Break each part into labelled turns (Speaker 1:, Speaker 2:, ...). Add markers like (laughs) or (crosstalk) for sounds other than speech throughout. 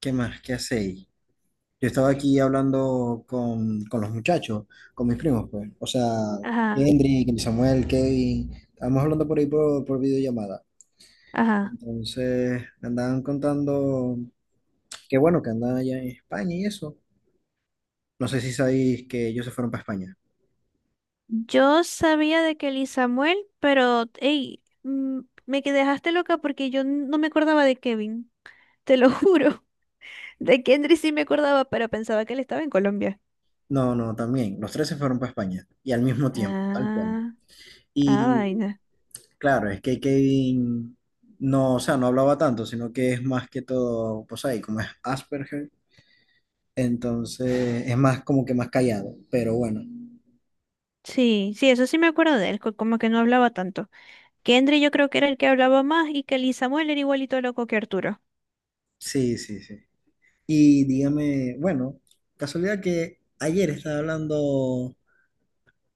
Speaker 1: ¿Qué más? ¿Qué hacéis? Yo estaba aquí hablando con los muchachos, con mis primos, pues. O sea,
Speaker 2: Ajá,
Speaker 1: Kendrick, Samuel, Kevin. Estábamos hablando por ahí por videollamada.
Speaker 2: ajá.
Speaker 1: Entonces, me andaban contando que bueno, que andaban allá en España y eso. No sé si sabéis que ellos se fueron para España.
Speaker 2: Yo sabía de Kelly Samuel, pero, hey, dejaste loca porque yo no me acordaba de Kevin, (laughs) te lo juro. (laughs) De Kendrick sí me acordaba, pero pensaba que él estaba en Colombia.
Speaker 1: No, no, también. Los tres se fueron para España. Y al mismo tiempo, tal cual.
Speaker 2: Ah, ah,
Speaker 1: Y
Speaker 2: vaina.
Speaker 1: claro, es que Kevin no, o sea, no hablaba tanto, sino que es más que todo, pues ahí, como es Asperger. Entonces es más como que más callado, pero bueno,
Speaker 2: Sí, sí, eso sí me acuerdo de él, como que no hablaba tanto. Kendrick yo creo que era el que hablaba más y Kelly Samuel era igualito loco que Arturo.
Speaker 1: sí, sí, sí. Y dígame, bueno, casualidad que ayer estaba hablando,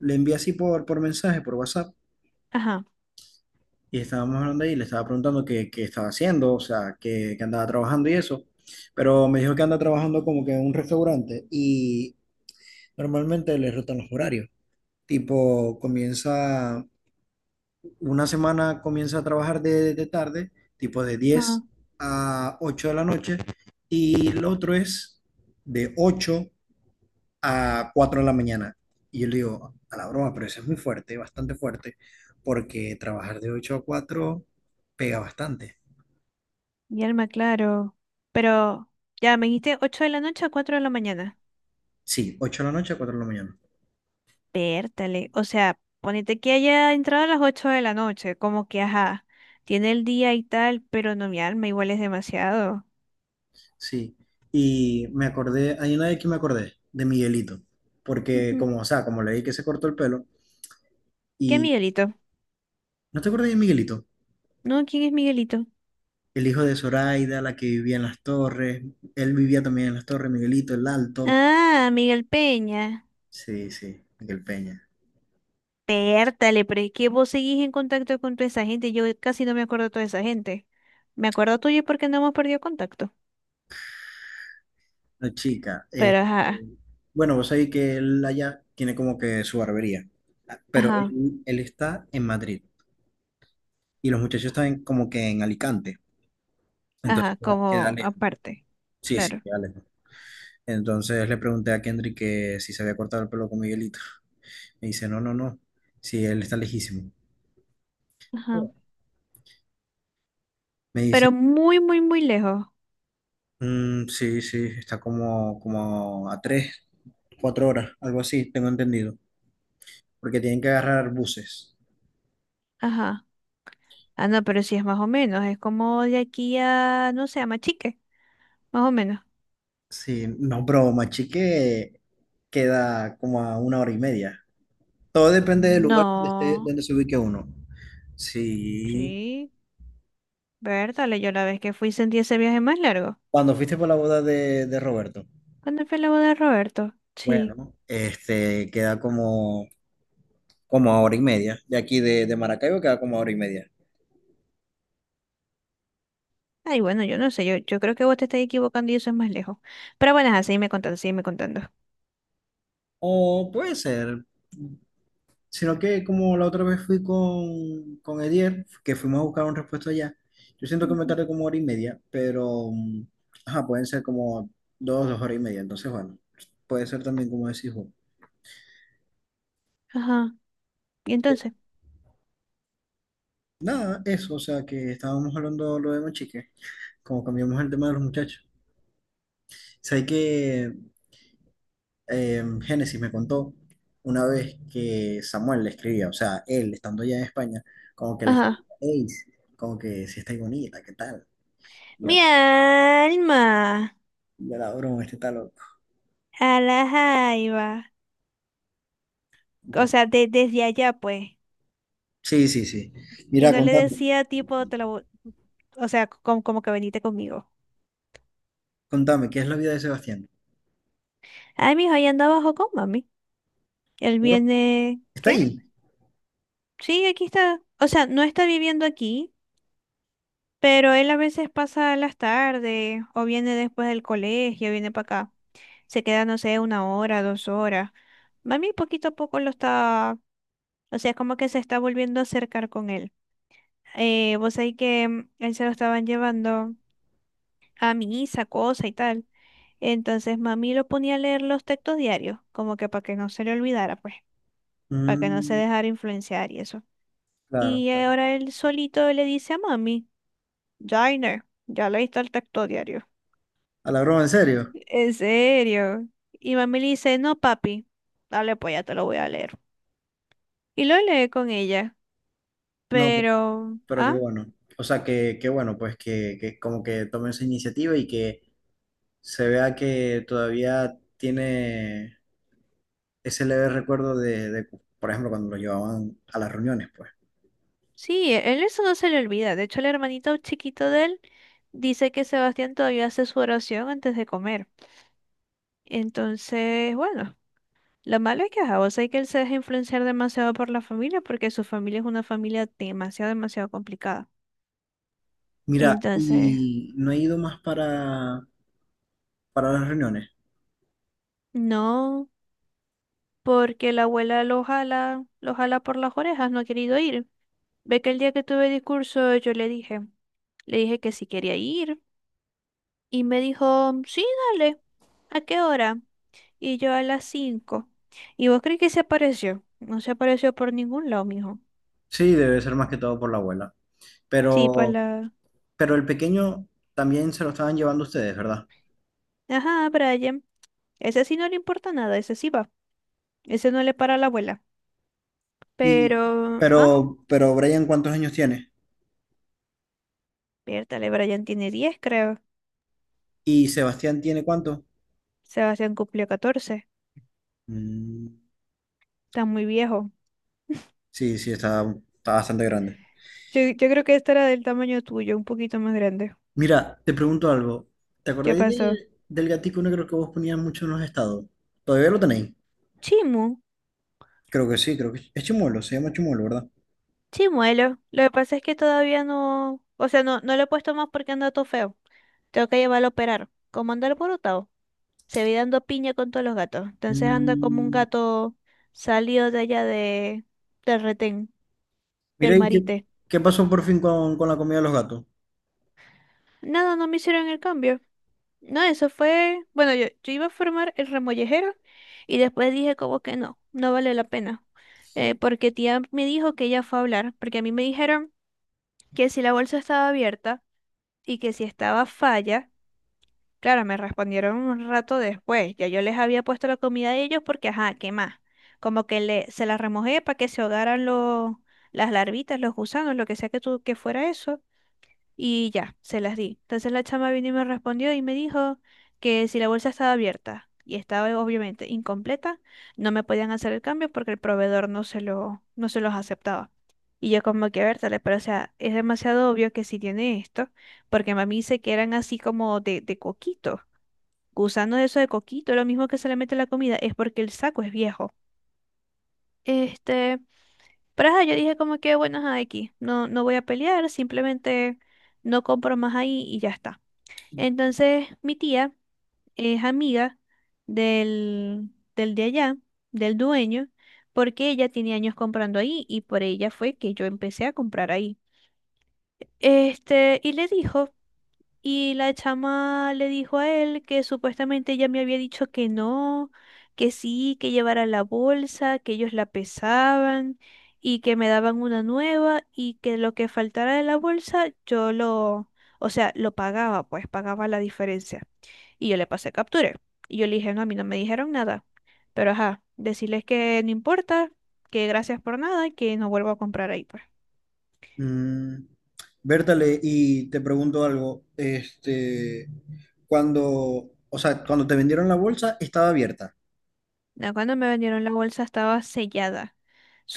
Speaker 1: le envié así por mensaje, por WhatsApp,
Speaker 2: Ajá.
Speaker 1: y estábamos hablando ahí, le estaba preguntando qué estaba haciendo, o sea, qué andaba trabajando y eso, pero me dijo que anda trabajando como que en un restaurante y normalmente le rotan los horarios, tipo comienza una semana comienza a trabajar de tarde, tipo de
Speaker 2: Ah,
Speaker 1: diez a 8 de la noche, y el otro es de 8 a 4 de la mañana. Y yo le digo, a la broma, pero eso es muy fuerte, bastante fuerte, porque trabajar de 8 a 4 pega bastante.
Speaker 2: mi alma, claro. Pero, ya, me dijiste 8 de la noche a 4 de la mañana.
Speaker 1: Sí, ocho de la noche a cuatro de la mañana.
Speaker 2: Pértale, o sea, ponete que haya entrado a las 8 de la noche, como que ajá, tiene el día y tal, pero no mi alma, igual es demasiado.
Speaker 1: Sí. Y me acordé, hay una de que me acordé, de Miguelito, porque
Speaker 2: Ujú.
Speaker 1: como, o sea, como leí que se cortó el pelo,
Speaker 2: ¿Qué
Speaker 1: y
Speaker 2: Miguelito?
Speaker 1: ¿no te acuerdas de Miguelito?
Speaker 2: No, ¿quién es Miguelito?
Speaker 1: El hijo de Zoraida, la que vivía en las torres, él vivía también en las torres, Miguelito el Alto,
Speaker 2: Ah, Miguel Peña.
Speaker 1: sí, sí, Miguel Peña,
Speaker 2: Pértale, pero es que vos seguís en contacto con toda esa gente, yo casi no me acuerdo de toda esa gente. Me acuerdo tuyo porque no hemos perdido contacto,
Speaker 1: la chica.
Speaker 2: pero
Speaker 1: este,
Speaker 2: ajá,
Speaker 1: bueno, vos sabés que él allá tiene como que su barbería, pero
Speaker 2: ajá,
Speaker 1: él está en Madrid y los muchachos están como que en Alicante, entonces
Speaker 2: ajá,
Speaker 1: queda
Speaker 2: como
Speaker 1: lejos,
Speaker 2: aparte,
Speaker 1: sí, sí,
Speaker 2: claro,
Speaker 1: queda lejos. Entonces le pregunté a Kendrick que si se había cortado el pelo con Miguelito. Me dice, no, no, no, sí, él está lejísimo.
Speaker 2: ajá,
Speaker 1: Me
Speaker 2: pero
Speaker 1: dice:
Speaker 2: muy, muy, muy lejos.
Speaker 1: "Mm, sí, sí, está como, a tres, cuatro horas, algo así, tengo entendido, porque tienen que agarrar buses".
Speaker 2: Ajá. Ah, no, pero sí es más o menos. Es como de aquí a, no sé, a Machique, más o menos.
Speaker 1: Sí, no, pero Machique queda como a una hora y media. Todo depende del lugar donde esté,
Speaker 2: No,
Speaker 1: donde se ubique uno. Sí.
Speaker 2: sí. Vértale, yo la vez que fui sentí ese viaje más largo.
Speaker 1: Cuando fuiste por la boda de Roberto,
Speaker 2: ¿Cuándo fue la boda de Roberto? Sí.
Speaker 1: bueno, este queda como a hora y media. De aquí de Maracaibo queda como a hora y media.
Speaker 2: Ay, bueno, yo no sé, yo creo que vos te estás equivocando y eso es más lejos. Pero bueno, ajá, sígueme contando, sígueme contando.
Speaker 1: O puede ser, sino que como la otra vez fui con Edier, que fuimos a buscar un repuesto allá, yo siento que me
Speaker 2: Ujú.
Speaker 1: tardé como hora y media, pero ajá, pueden ser como dos horas y media. Entonces, bueno, puede ser también como decís vos.
Speaker 2: Ajá. ¿Y
Speaker 1: Eh,
Speaker 2: entonces?
Speaker 1: Nada, eso, o sea, que estábamos hablando lo de Mochique, como cambiamos el tema de los muchachos. Sabes que Génesis me contó una vez que Samuel le escribía, o sea, él estando allá en España, como que le escribía:
Speaker 2: Ajá.
Speaker 1: "Ey, como que si estáis bonita, ¿qué tal?". Y yo,
Speaker 2: Mi alma.
Speaker 1: ya la broma, este está loco.
Speaker 2: A la jaiba. O
Speaker 1: Entonces,
Speaker 2: sea, desde allá, pues.
Speaker 1: sí, sí, sí.
Speaker 2: Y
Speaker 1: Mira,
Speaker 2: no le
Speaker 1: contame,
Speaker 2: decía tipo, te la, o sea, como, como que venite conmigo.
Speaker 1: contame, ¿qué es la vida de Sebastián?
Speaker 2: Ay, mi hijo ahí anda abajo con mami. Él
Speaker 1: ¿Bro?
Speaker 2: viene,
Speaker 1: ¿Está
Speaker 2: ¿qué?
Speaker 1: ahí?
Speaker 2: Sí, aquí está. O sea, no está viviendo aquí, pero él a veces pasa las tardes o viene después del colegio, viene para acá. Se queda, no sé, una hora, dos horas. Mami poquito a poco lo está, o sea, como que se está volviendo a acercar con él. Vos sabés que él se lo estaban llevando a misa, cosa y tal. Entonces mami lo ponía a leer los textos diarios, como que para que no se le olvidara, pues, para que no se
Speaker 1: Mm,
Speaker 2: dejara influenciar y eso.
Speaker 1: claro,
Speaker 2: Y
Speaker 1: claro.
Speaker 2: ahora él solito le dice a mami, Jainer, ya leíste el texto diario.
Speaker 1: ¿A la broma en serio?
Speaker 2: ¿En serio? Y mami le dice, no, papi, dale, pues ya te lo voy a leer. Y lo lee con ella.
Speaker 1: No,
Speaker 2: Pero,
Speaker 1: pero qué
Speaker 2: ah,
Speaker 1: bueno. O sea, que bueno, pues que como que tome esa iniciativa y que se vea que todavía tiene ese leve recuerdo de, por ejemplo, cuando lo llevaban a las reuniones, pues.
Speaker 2: sí, él eso no se le olvida. De hecho, el hermanito chiquito de él dice que Sebastián todavía hace su oración antes de comer. Entonces, bueno, lo malo es que, ajá, vos sabés que él se deja influenciar demasiado por la familia porque su familia es una familia demasiado, demasiado complicada.
Speaker 1: Mira,
Speaker 2: Entonces...
Speaker 1: ¿y no he ido más para las reuniones?
Speaker 2: No, porque la abuela lo jala por las orejas, no ha querido ir. Ve que el día que tuve discurso yo le dije que si quería ir y me dijo, sí, dale, ¿a qué hora? Y yo a las 5. ¿Y vos crees que se apareció? No se apareció por ningún lado, mijo.
Speaker 1: Sí, debe ser más que todo por la abuela.
Speaker 2: Sí, para
Speaker 1: Pero
Speaker 2: la...
Speaker 1: Pero el pequeño también se lo estaban llevando ustedes, ¿verdad?
Speaker 2: Ajá, Brian. Ese sí no le importa nada, ese sí va. Ese no le para a la abuela.
Speaker 1: Y,
Speaker 2: Pero... Ah,
Speaker 1: pero Brian, ¿cuántos años tiene?
Speaker 2: piértale, Brian tiene 10 creo.
Speaker 1: ¿Y Sebastián tiene cuánto?
Speaker 2: Sebastián cumplió 14.
Speaker 1: Mm,
Speaker 2: Está muy viejo.
Speaker 1: sí, sí, está bastante grande.
Speaker 2: Yo creo que esta era del tamaño tuyo, un poquito más grande.
Speaker 1: Mira, te pregunto algo. ¿Te
Speaker 2: ¿Qué
Speaker 1: acordáis
Speaker 2: pasó?
Speaker 1: del gatico negro que vos ponías mucho en los estados? ¿Todavía lo tenéis?
Speaker 2: Chimu,
Speaker 1: Creo que sí, creo que es Chimuelo, se llama Chimuelo, ¿verdad?
Speaker 2: chimuelo. Lo que pasa es que todavía no, o sea, no, no lo he puesto más porque anda todo feo. Tengo que llevarlo a operar. Como anda el borotado, se vi dando piña con todos los gatos. Entonces anda como un
Speaker 1: Mm,
Speaker 2: gato salido de allá de, del retén, del
Speaker 1: Mira, ¿y qué,
Speaker 2: marite.
Speaker 1: qué pasó por fin con la comida de los gatos?
Speaker 2: Nada, no me hicieron el cambio. No, eso fue, bueno, yo iba a formar el remollejero y después dije como que no, no vale la pena. Eh, porque tía me dijo que ella fue a hablar, porque a mí me dijeron que si la bolsa estaba abierta y que si estaba falla, claro, me respondieron un rato después, ya yo les había puesto la comida a ellos porque, ajá, ¿qué más? Como que le, se la remojé para que se ahogaran los, las larvitas, los gusanos, lo que sea que, tú, que fuera eso. Y ya, se las di. Entonces la chama vino y me respondió y me dijo que si la bolsa estaba abierta y estaba obviamente incompleta, no me podían hacer el cambio porque el proveedor no se lo, no se los aceptaba. Y yo como que, a ver, dale, pero o sea, es demasiado obvio que si tiene esto, porque mami dice que eran así como de coquito, gusano de eso de coquito, lo mismo que se le mete a la comida, es porque el saco es viejo. Este, pero ajá, yo dije como que, bueno, ajá, aquí, no, no voy a pelear, simplemente no compro más ahí y ya está. Entonces, mi tía es amiga del, del de allá, del dueño, porque ella tiene años comprando ahí y por ella fue que yo empecé a comprar ahí. Este, y le dijo, y la chama le dijo a él que supuestamente ella me había dicho que no, que sí, que llevara la bolsa, que ellos la pesaban y que me daban una nueva y que lo que faltara de la bolsa yo lo, o sea, lo pagaba, pues pagaba la diferencia. Y yo le pasé capture. Y yo le dije, no, a mí no me dijeron nada. Pero ajá, decirles que no importa, que gracias por nada y que no vuelvo a comprar ahí, pues.
Speaker 1: Mm, Bertale, y te pregunto algo, cuando, o sea, cuando te vendieron la bolsa estaba abierta,
Speaker 2: No, cuando me vendieron la bolsa estaba sellada,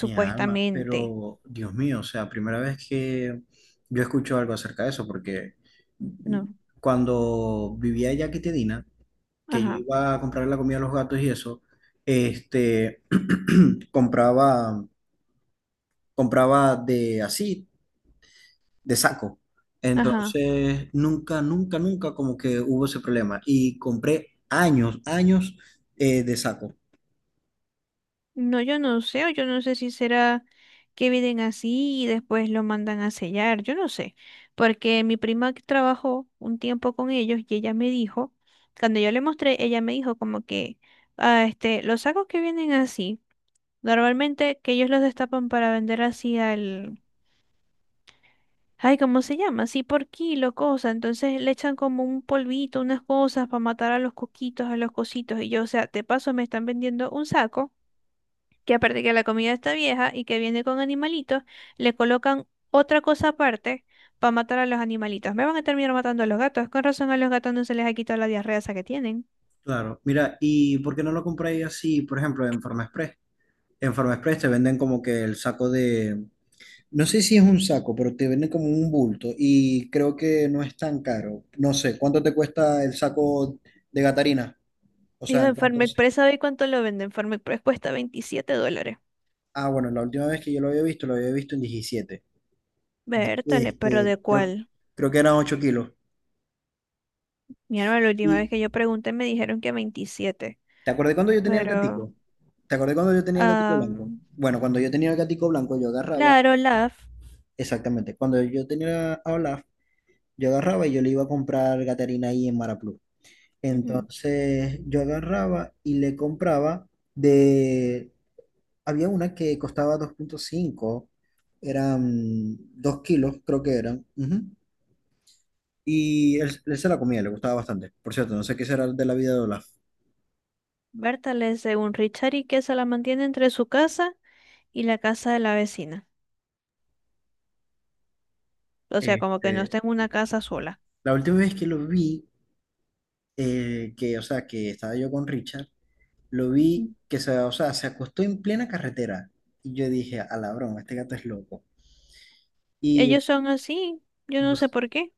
Speaker 1: mi alma, pero Dios mío, o sea, primera vez que yo escucho algo acerca de eso, porque mm,
Speaker 2: No,
Speaker 1: cuando vivía allá en Quitedina, que yo
Speaker 2: ajá,
Speaker 1: iba a comprar la comida a los gatos y eso, este, (clears throat) compraba, compraba de así de saco.
Speaker 2: ajá.
Speaker 1: Entonces, nunca, nunca, nunca como que hubo ese problema. Y compré años, años de saco.
Speaker 2: No, yo no sé, o yo no sé si será que vienen así y después lo mandan a sellar, yo no sé. Porque mi prima que trabajó un tiempo con ellos y ella me dijo, cuando yo le mostré, ella me dijo como que, ah, este, los sacos que vienen así. Normalmente que ellos los destapan para vender así al... Ay, ¿cómo se llama? Así por kilo, cosa. Entonces le echan como un polvito, unas cosas para matar a los coquitos, a los cositos. Y yo, o sea, te paso, me están vendiendo un saco, que aparte que la comida está vieja y que viene con animalitos, le colocan otra cosa aparte para matar a los animalitos. Me van a terminar matando a los gatos. Con razón a los gatos no se les ha quitado la diarrea esa que tienen.
Speaker 1: Claro, mira, ¿y por qué no lo compré así, por ejemplo, en Forma Express? En Forma Express te venden como que el saco no sé si es un saco, pero te venden como un bulto y creo que no es tan caro. No sé, ¿cuánto te cuesta el saco de Gatarina? O sea,
Speaker 2: Dijo
Speaker 1: ¿en
Speaker 2: en
Speaker 1: cuánto?
Speaker 2: Farm Express, ¿sabe cuánto lo venden? Farm Express cuesta $27.
Speaker 1: Ah, bueno, la última vez que yo lo había visto en 17.
Speaker 2: Vértale, pero
Speaker 1: Este,
Speaker 2: ¿de
Speaker 1: creo,
Speaker 2: cuál?
Speaker 1: creo que eran 8 kilos.
Speaker 2: Mira, la última
Speaker 1: Y
Speaker 2: vez que yo pregunté me dijeron que 27
Speaker 1: ¿te acordás cuando yo tenía el
Speaker 2: pero...
Speaker 1: gatico? ¿Te acordás cuando yo tenía el gatico blanco?
Speaker 2: am,
Speaker 1: Bueno, cuando yo tenía el gatico blanco, yo agarraba,
Speaker 2: claro, Love.
Speaker 1: exactamente, cuando yo tenía a Olaf, yo agarraba y yo le iba a comprar Gatorina ahí en Maraplu.
Speaker 2: Ujú,
Speaker 1: Entonces yo agarraba y le compraba de, había una que costaba 2,5, eran 2 kilos, creo que eran. Ujú. Y él se la comía, le gustaba bastante. Por cierto, no sé qué será de la vida de Olaf.
Speaker 2: Bertale, según Richard y que se la mantiene entre su casa y la casa de la vecina. O sea, como que no
Speaker 1: Este,
Speaker 2: está en una casa sola.
Speaker 1: la última vez que lo vi, o sea, que estaba yo con Richard, lo vi
Speaker 2: Ujú.
Speaker 1: o sea, se acostó en plena carretera. Y yo dije, a la broma, este gato es loco. Y
Speaker 2: Ellos son así, yo no sé
Speaker 1: vos,
Speaker 2: por qué.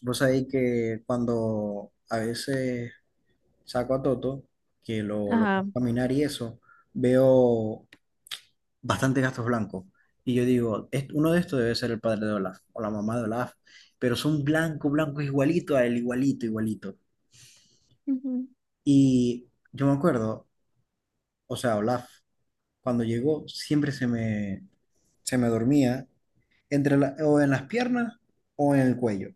Speaker 1: vos sabéis que cuando a veces saco a Toto, que lo
Speaker 2: Ajá.
Speaker 1: pongo a caminar y eso, veo bastantes gatos blancos. Y yo digo: "Uno de estos debe ser el padre de Olaf o la mamá de Olaf, pero son blanco, blanco, igualito a él, igualito, igualito".
Speaker 2: Ujú.
Speaker 1: Y yo me acuerdo, o sea, Olaf cuando llegó, siempre se me, dormía entre o en las piernas o en el cuello.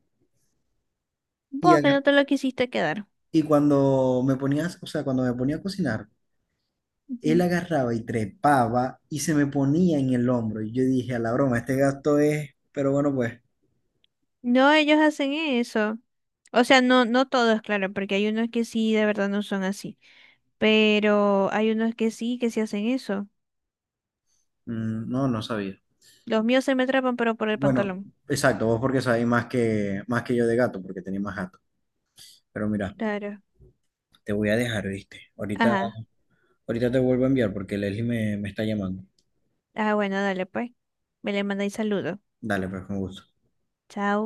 Speaker 1: Y,
Speaker 2: Vos que
Speaker 1: agar-
Speaker 2: no te lo quisiste quedar.
Speaker 1: y cuando me ponías, o sea, cuando me ponía a cocinar, él
Speaker 2: Ujú.
Speaker 1: agarraba y trepaba y se me ponía en el hombro. Y yo dije, a la broma, este gasto es, pero bueno, pues,
Speaker 2: No, ellos hacen eso. O sea, no, no todos, claro, porque hay unos que sí, de verdad no son así. Pero hay unos que sí hacen eso.
Speaker 1: mm, no, no sabía.
Speaker 2: Los míos se me atrapan, pero por el
Speaker 1: Bueno,
Speaker 2: pantalón.
Speaker 1: exacto, vos porque sabés más que yo de gato, porque tenés más gato. Pero mira,
Speaker 2: Claro.
Speaker 1: te voy a dejar, ¿viste? Ahorita,
Speaker 2: Ajá.
Speaker 1: ahorita te vuelvo a enviar porque Leslie me está llamando.
Speaker 2: Ah, bueno, dale pues. Me le mandáis saludo.
Speaker 1: Dale, pues, con gusto.
Speaker 2: Chao.